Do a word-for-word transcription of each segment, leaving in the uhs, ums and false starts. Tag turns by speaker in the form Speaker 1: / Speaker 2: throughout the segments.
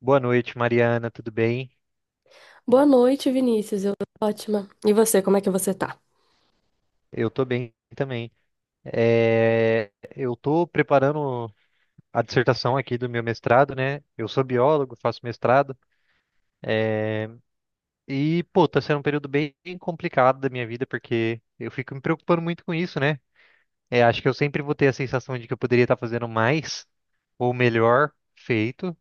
Speaker 1: Boa noite, Mariana, tudo bem?
Speaker 2: Boa noite, Vinícius. Eu tô ótima. E você, como é que você tá?
Speaker 1: Eu tô bem também. É, eu tô preparando a dissertação aqui do meu mestrado, né? Eu sou biólogo, faço mestrado e, pô, tá sendo um período bem complicado da minha vida porque eu fico me preocupando muito com isso, né? É, acho que eu sempre vou ter a sensação de que eu poderia estar fazendo mais ou melhor feito.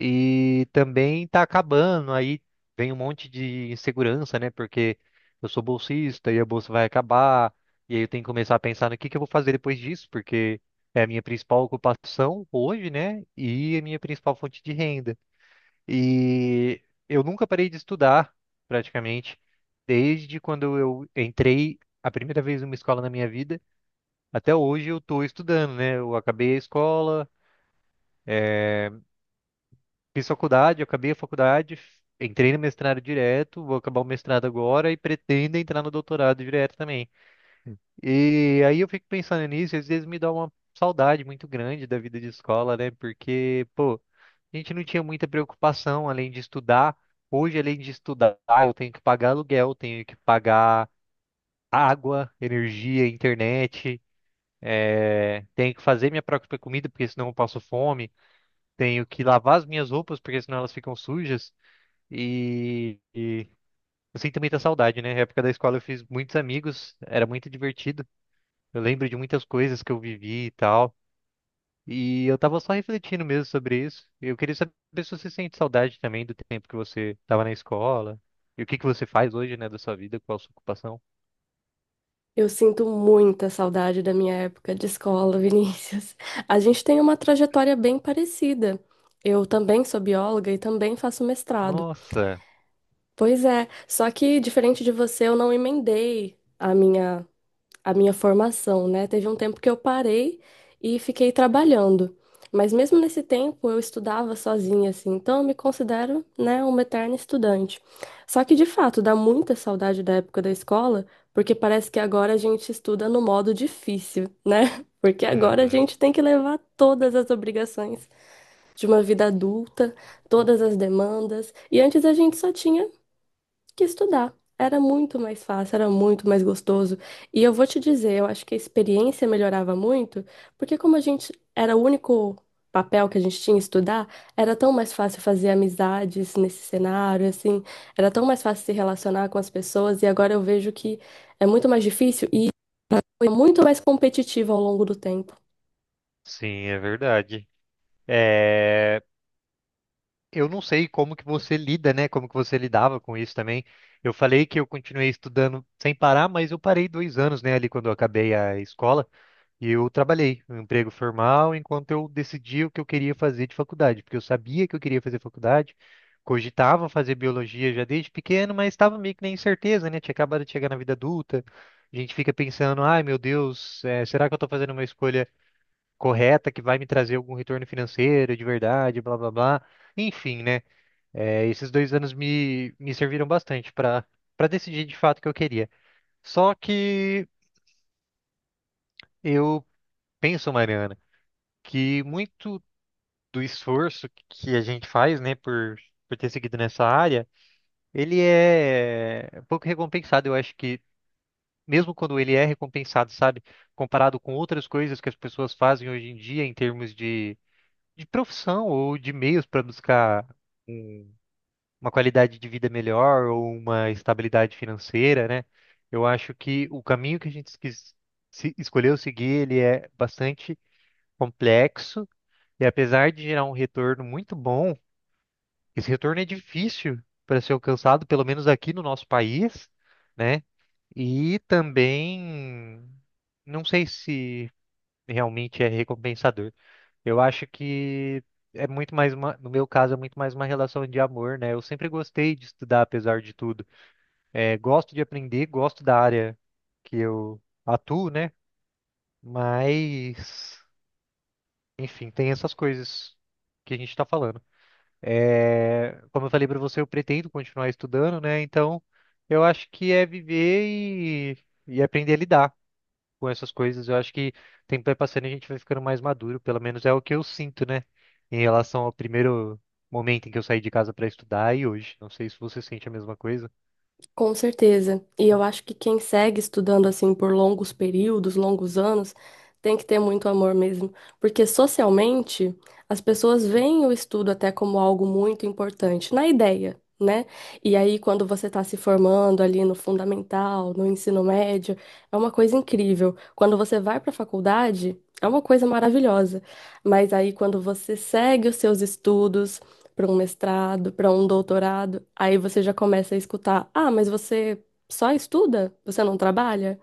Speaker 1: E também tá acabando, aí vem um monte de insegurança, né? Porque eu sou bolsista e a bolsa vai acabar, e aí eu tenho que começar a pensar no que que eu vou fazer depois disso, porque é a minha principal ocupação hoje, né? E a minha principal fonte de renda. E eu nunca parei de estudar, praticamente, desde quando eu entrei a primeira vez numa escola na minha vida, até hoje eu tô estudando, né? Eu acabei a escola. eh, Fiz faculdade, acabei a faculdade, entrei no mestrado direto, vou acabar o mestrado agora e pretendo entrar no doutorado direto também. E aí eu fico pensando nisso, e às vezes me dá uma saudade muito grande da vida de escola, né? Porque, pô, a gente não tinha muita preocupação além de estudar. Hoje, além de estudar, eu tenho que pagar aluguel, tenho que pagar água, energia, internet, eh, tenho que fazer minha própria comida, porque senão eu passo fome, tenho que lavar as minhas roupas, porque senão elas ficam sujas. E, e eu sinto muita saudade, né? Na época da escola eu fiz muitos amigos, era muito divertido. Eu lembro de muitas coisas que eu vivi e tal. E eu tava só refletindo mesmo sobre isso. Eu queria saber se você sente saudade também do tempo que você tava na escola. E o que que você faz hoje, né, da sua vida, qual a sua ocupação?
Speaker 2: Eu sinto muita saudade da minha época de escola, Vinícius. A gente tem uma trajetória bem parecida. Eu também sou bióloga e também faço mestrado.
Speaker 1: Nossa!
Speaker 2: Pois é, só que diferente de você, eu não emendei a minha a minha formação, né? Teve um tempo que eu parei e fiquei trabalhando. Mas mesmo nesse tempo eu estudava sozinha, assim, então eu me considero, né, uma eterna estudante. Só que de fato dá muita saudade da época da escola, porque parece que agora a gente estuda no modo difícil, né? Porque agora a
Speaker 1: Uhum.
Speaker 2: gente tem que levar todas as obrigações de uma vida adulta, todas as demandas, e antes a gente só tinha que estudar. Era muito mais fácil, era muito mais gostoso. E eu vou te dizer, eu acho que a experiência melhorava muito, porque como a gente era o único papel que a gente tinha estudar, era tão mais fácil fazer amizades nesse cenário, assim, era tão mais fácil se relacionar com as pessoas, e agora eu vejo que é muito mais difícil e foi muito mais competitivo ao longo do tempo.
Speaker 1: Sim, é verdade. É. Eu não sei como que você lida, né? Como que você lidava com isso também. Eu falei que eu continuei estudando sem parar, mas eu parei dois anos, né? Ali quando eu acabei a escola e eu trabalhei um emprego formal enquanto eu decidia o que eu queria fazer de faculdade, porque eu sabia que eu queria fazer faculdade, cogitava fazer biologia já desde pequeno, mas estava meio que na incerteza, né? Tinha acabado de chegar na vida adulta, a gente fica pensando, ai meu Deus, eh, será que eu estou fazendo uma escolha correta que vai me trazer algum retorno financeiro de verdade, blá blá blá. Enfim, né? É, esses dois anos me, me serviram bastante para para decidir de fato o que eu queria. Só que eu penso, Mariana, que muito do esforço que a gente faz, né, por, por ter seguido nessa área, ele é um pouco recompensado. Eu acho que mesmo quando ele é recompensado, sabe, comparado com outras coisas que as pessoas fazem hoje em dia em termos de, de, profissão ou de meios para buscar um uma qualidade de vida melhor ou uma estabilidade financeira, né? Eu acho que o caminho que a gente esquis- se- escolheu seguir, ele é bastante complexo e apesar de gerar um retorno muito bom, esse retorno é difícil para ser alcançado, pelo menos aqui no nosso país, né? E também não sei se realmente é recompensador. Eu acho que é muito mais uma, no meu caso, é muito mais uma relação de amor, né? Eu sempre gostei de estudar, apesar de tudo. É, gosto de aprender, gosto da área que eu atuo, né? Mas, enfim, tem essas coisas que a gente está falando. É, como eu falei para você, eu pretendo continuar estudando, né? Então, eu acho que é viver e, e aprender a lidar com essas coisas. Eu acho que o tempo vai passando e a gente vai ficando mais maduro, pelo menos é o que eu sinto, né? Em relação ao primeiro momento em que eu saí de casa para estudar e hoje. Não sei se você sente a mesma coisa.
Speaker 2: Com certeza. E eu acho que quem segue estudando assim por longos períodos, longos anos, tem que ter muito amor mesmo, porque socialmente as pessoas veem o estudo até como algo muito importante, na ideia, né? E aí quando você está se formando ali no fundamental, no ensino médio, é uma coisa incrível. Quando você vai para a faculdade, é uma coisa maravilhosa. Mas aí quando você segue os seus estudos para um mestrado, para um doutorado. Aí você já começa a escutar: ah, mas você só estuda? Você não trabalha?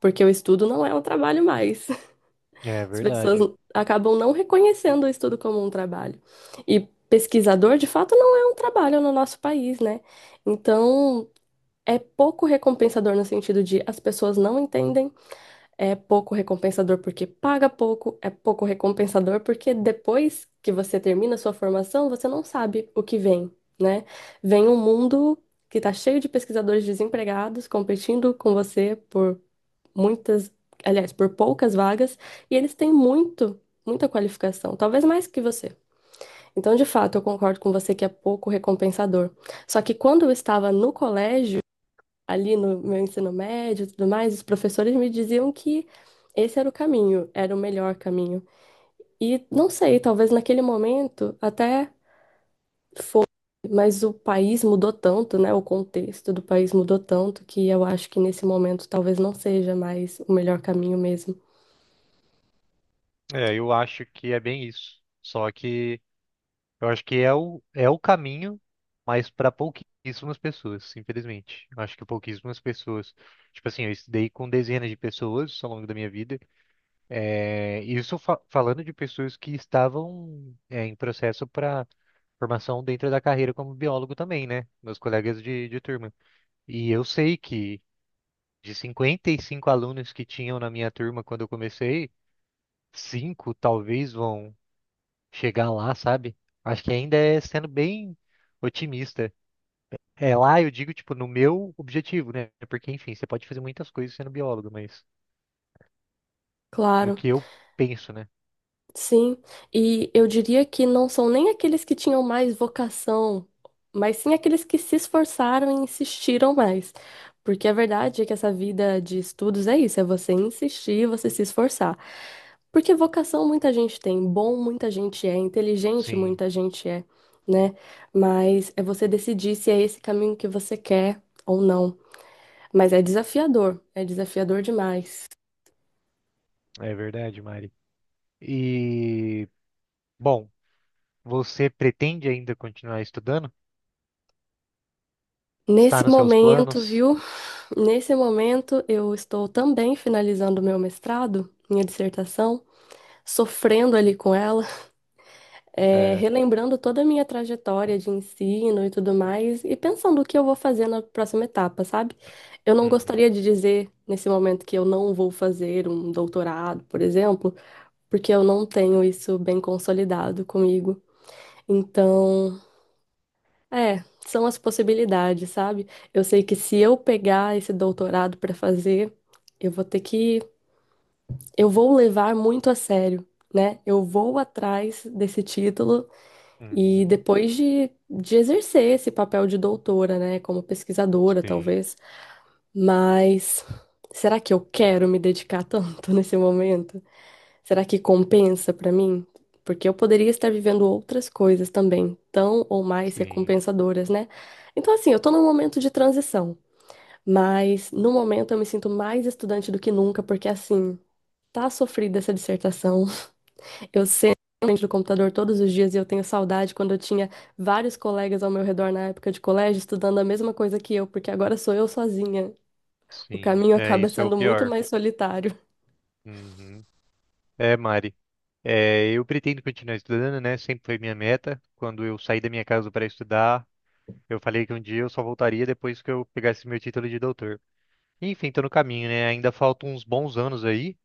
Speaker 2: Porque o estudo não é um trabalho mais.
Speaker 1: É
Speaker 2: As
Speaker 1: verdade.
Speaker 2: pessoas acabam não reconhecendo o estudo como um trabalho. E pesquisador, de fato, não é um trabalho no nosso país, né? Então, é pouco recompensador no sentido de as pessoas não entendem. É pouco recompensador porque paga pouco, é pouco recompensador porque depois que você termina a sua formação, você não sabe o que vem, né? Vem um mundo que está cheio de pesquisadores desempregados competindo com você por muitas, aliás, por poucas vagas, e eles têm muito, muita qualificação, talvez mais que você. Então, de fato, eu concordo com você que é pouco recompensador. Só que quando eu estava no colégio, ali no meu ensino médio e tudo mais, os professores me diziam que esse era o caminho, era o melhor caminho. E não sei, talvez naquele momento até foi, mas o país mudou tanto, né? O contexto do país mudou tanto que eu acho que nesse momento talvez não seja mais o melhor caminho mesmo.
Speaker 1: É, eu acho que é bem isso. Só que eu acho que é o, é o caminho, mas para pouquíssimas pessoas, infelizmente. Eu acho que pouquíssimas pessoas. Tipo assim, eu estudei com dezenas de pessoas ao longo da minha vida. É, isso fa- falando de pessoas que estavam, é, em processo para formação dentro da carreira como biólogo também, né? Meus colegas de, de, turma. E eu sei que de cinquenta e cinco alunos que tinham na minha turma quando eu comecei, cinco talvez vão chegar lá, sabe? Acho que ainda é sendo bem otimista. É, lá eu digo, tipo, no meu objetivo, né? Porque, enfim, você pode fazer muitas coisas sendo biólogo, mas no
Speaker 2: Claro.
Speaker 1: que eu penso, né?
Speaker 2: Sim, e eu diria que não são nem aqueles que tinham mais vocação, mas sim aqueles que se esforçaram e insistiram mais. Porque a verdade é que essa vida de estudos é isso, é você insistir, você se esforçar. Porque vocação muita gente tem, bom muita gente é, inteligente
Speaker 1: Sim,
Speaker 2: muita gente é, né? Mas é você decidir se é esse caminho que você quer ou não. Mas é desafiador, é desafiador demais.
Speaker 1: é verdade, Mari. E, bom, você pretende ainda continuar estudando? Está
Speaker 2: Nesse
Speaker 1: nos seus
Speaker 2: momento,
Speaker 1: planos?
Speaker 2: viu? Nesse momento, eu estou também finalizando meu mestrado, minha dissertação, sofrendo ali com ela, é,
Speaker 1: É.
Speaker 2: relembrando toda a minha trajetória de ensino e tudo mais, e pensando o que eu vou fazer na próxima etapa, sabe? Eu não
Speaker 1: Uhum,
Speaker 2: gostaria de dizer nesse momento que eu não vou fazer um doutorado, por exemplo, porque eu não tenho isso bem consolidado comigo. Então, é, são as possibilidades, sabe? Eu sei que se eu pegar esse doutorado para fazer, eu vou ter que eu vou levar muito a sério, né? Eu vou atrás desse título e
Speaker 1: uhum.
Speaker 2: depois de, de exercer esse papel de doutora, né? Como pesquisadora,
Speaker 1: Sim,
Speaker 2: talvez. Mas será que eu quero me dedicar tanto nesse momento? Será que compensa para mim? Porque eu poderia estar vivendo outras coisas também, tão ou mais
Speaker 1: sim,
Speaker 2: recompensadoras, né? Então, assim, eu tô num momento de transição, mas no momento eu me sinto mais estudante do que nunca, porque assim, tá sofrida essa dissertação. Eu sento na frente do computador todos os dias e eu tenho saudade quando eu tinha vários colegas ao meu redor na época de colégio estudando a mesma coisa que eu, porque agora sou eu sozinha. O
Speaker 1: sim.
Speaker 2: caminho
Speaker 1: É,
Speaker 2: acaba
Speaker 1: isso é o
Speaker 2: sendo muito
Speaker 1: pior.
Speaker 2: mais solitário.
Speaker 1: Uhum. É, Mari. É, eu pretendo continuar estudando, né? Sempre foi minha meta. Quando eu saí da minha casa para estudar, eu falei que um dia eu só voltaria depois que eu pegasse meu título de doutor. Enfim, tô no caminho, né? Ainda faltam uns bons anos aí,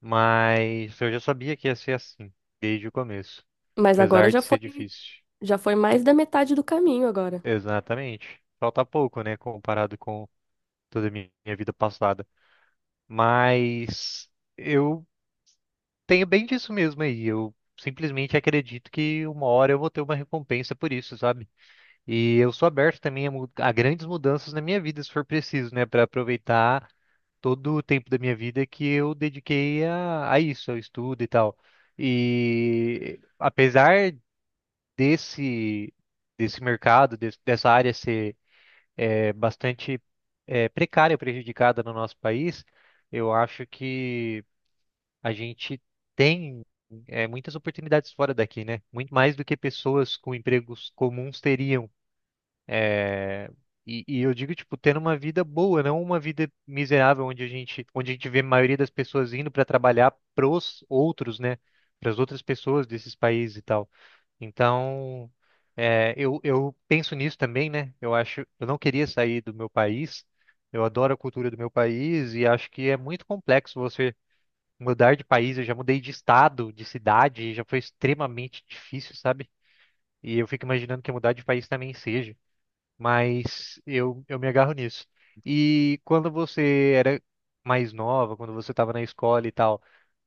Speaker 1: mas eu já sabia que ia ser assim, desde o começo,
Speaker 2: Mas agora
Speaker 1: apesar
Speaker 2: já
Speaker 1: de
Speaker 2: foi,
Speaker 1: ser difícil.
Speaker 2: já foi mais da metade do caminho agora.
Speaker 1: Exatamente. Falta pouco, né? Comparado com toda a minha minha vida passada. Mas eu tenho bem disso mesmo aí. Eu simplesmente acredito que uma hora eu vou ter uma recompensa por isso, sabe? E eu sou aberto também a, mu- a grandes mudanças na minha vida, se for preciso, né? Para aproveitar todo o tempo da minha vida que eu dediquei a, a isso, ao estudo e tal. E apesar desse, desse mercado, des- dessa área ser é, bastante é, precária, prejudicada no nosso país, eu acho que a gente tem é, muitas oportunidades fora daqui, né? Muito mais do que pessoas com empregos comuns teriam. eh, E, e eu digo, tipo, tendo uma vida boa, não uma vida miserável, onde a gente, onde a gente vê a maioria das pessoas indo para trabalhar pros outros, né? Para as outras pessoas desses países e tal. Então, é, eu, eu penso nisso também, né? Eu acho, eu não queria sair do meu país. Eu adoro a cultura do meu país e acho que é muito complexo você mudar de país, eu já mudei de estado, de cidade, e já foi extremamente difícil, sabe? E eu fico imaginando que mudar de país também seja, mas eu, eu me agarro nisso. E quando você era mais nova, quando você estava na escola e tal,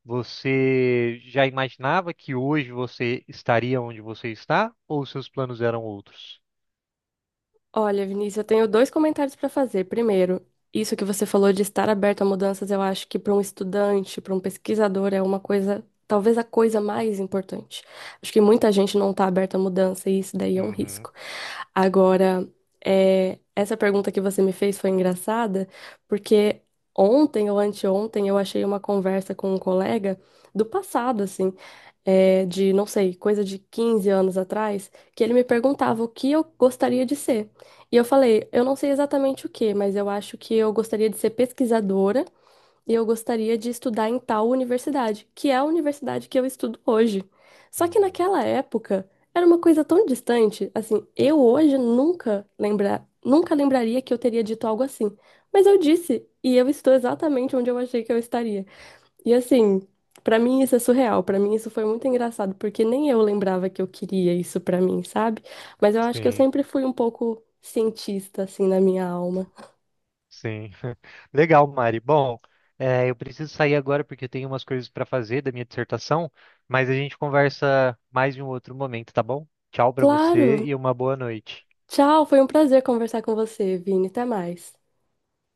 Speaker 1: você já imaginava que hoje você estaria onde você está, ou seus planos eram outros?
Speaker 2: Olha, Vinícius, eu tenho dois comentários para fazer. Primeiro, isso que você falou de estar aberto a mudanças, eu acho que para um estudante, para um pesquisador, é uma coisa, talvez a coisa mais importante. Acho que muita gente não está aberta a mudança e isso daí é um
Speaker 1: Uhum,
Speaker 2: risco. Agora, é, essa pergunta que você me fez foi engraçada, porque ontem ou anteontem eu achei uma conversa com um colega do passado, assim, é, de, não sei, coisa de quinze anos atrás, que ele me perguntava o que eu gostaria de ser. E eu falei, eu não sei exatamente o que, mas eu acho que eu gostaria de ser pesquisadora e eu gostaria de estudar em tal universidade, que é a universidade que eu estudo hoje. Só que
Speaker 1: uhum.
Speaker 2: naquela época era uma coisa tão distante, assim, eu hoje nunca lembra, nunca lembraria que eu teria dito algo assim. Mas eu disse, e eu estou exatamente onde eu achei que eu estaria. E assim, pra mim isso é surreal, pra mim isso foi muito engraçado, porque nem eu lembrava que eu queria isso pra mim, sabe? Mas eu acho que eu
Speaker 1: Sim.
Speaker 2: sempre fui um pouco cientista assim na minha alma.
Speaker 1: Sim. Legal, Mari. Bom, eh, eu preciso sair agora porque eu tenho umas coisas para fazer da minha dissertação, mas a gente conversa mais em um outro momento, tá bom? Tchau para você
Speaker 2: Claro.
Speaker 1: e uma boa noite.
Speaker 2: Tchau, foi um prazer conversar com você, Vini. Até mais.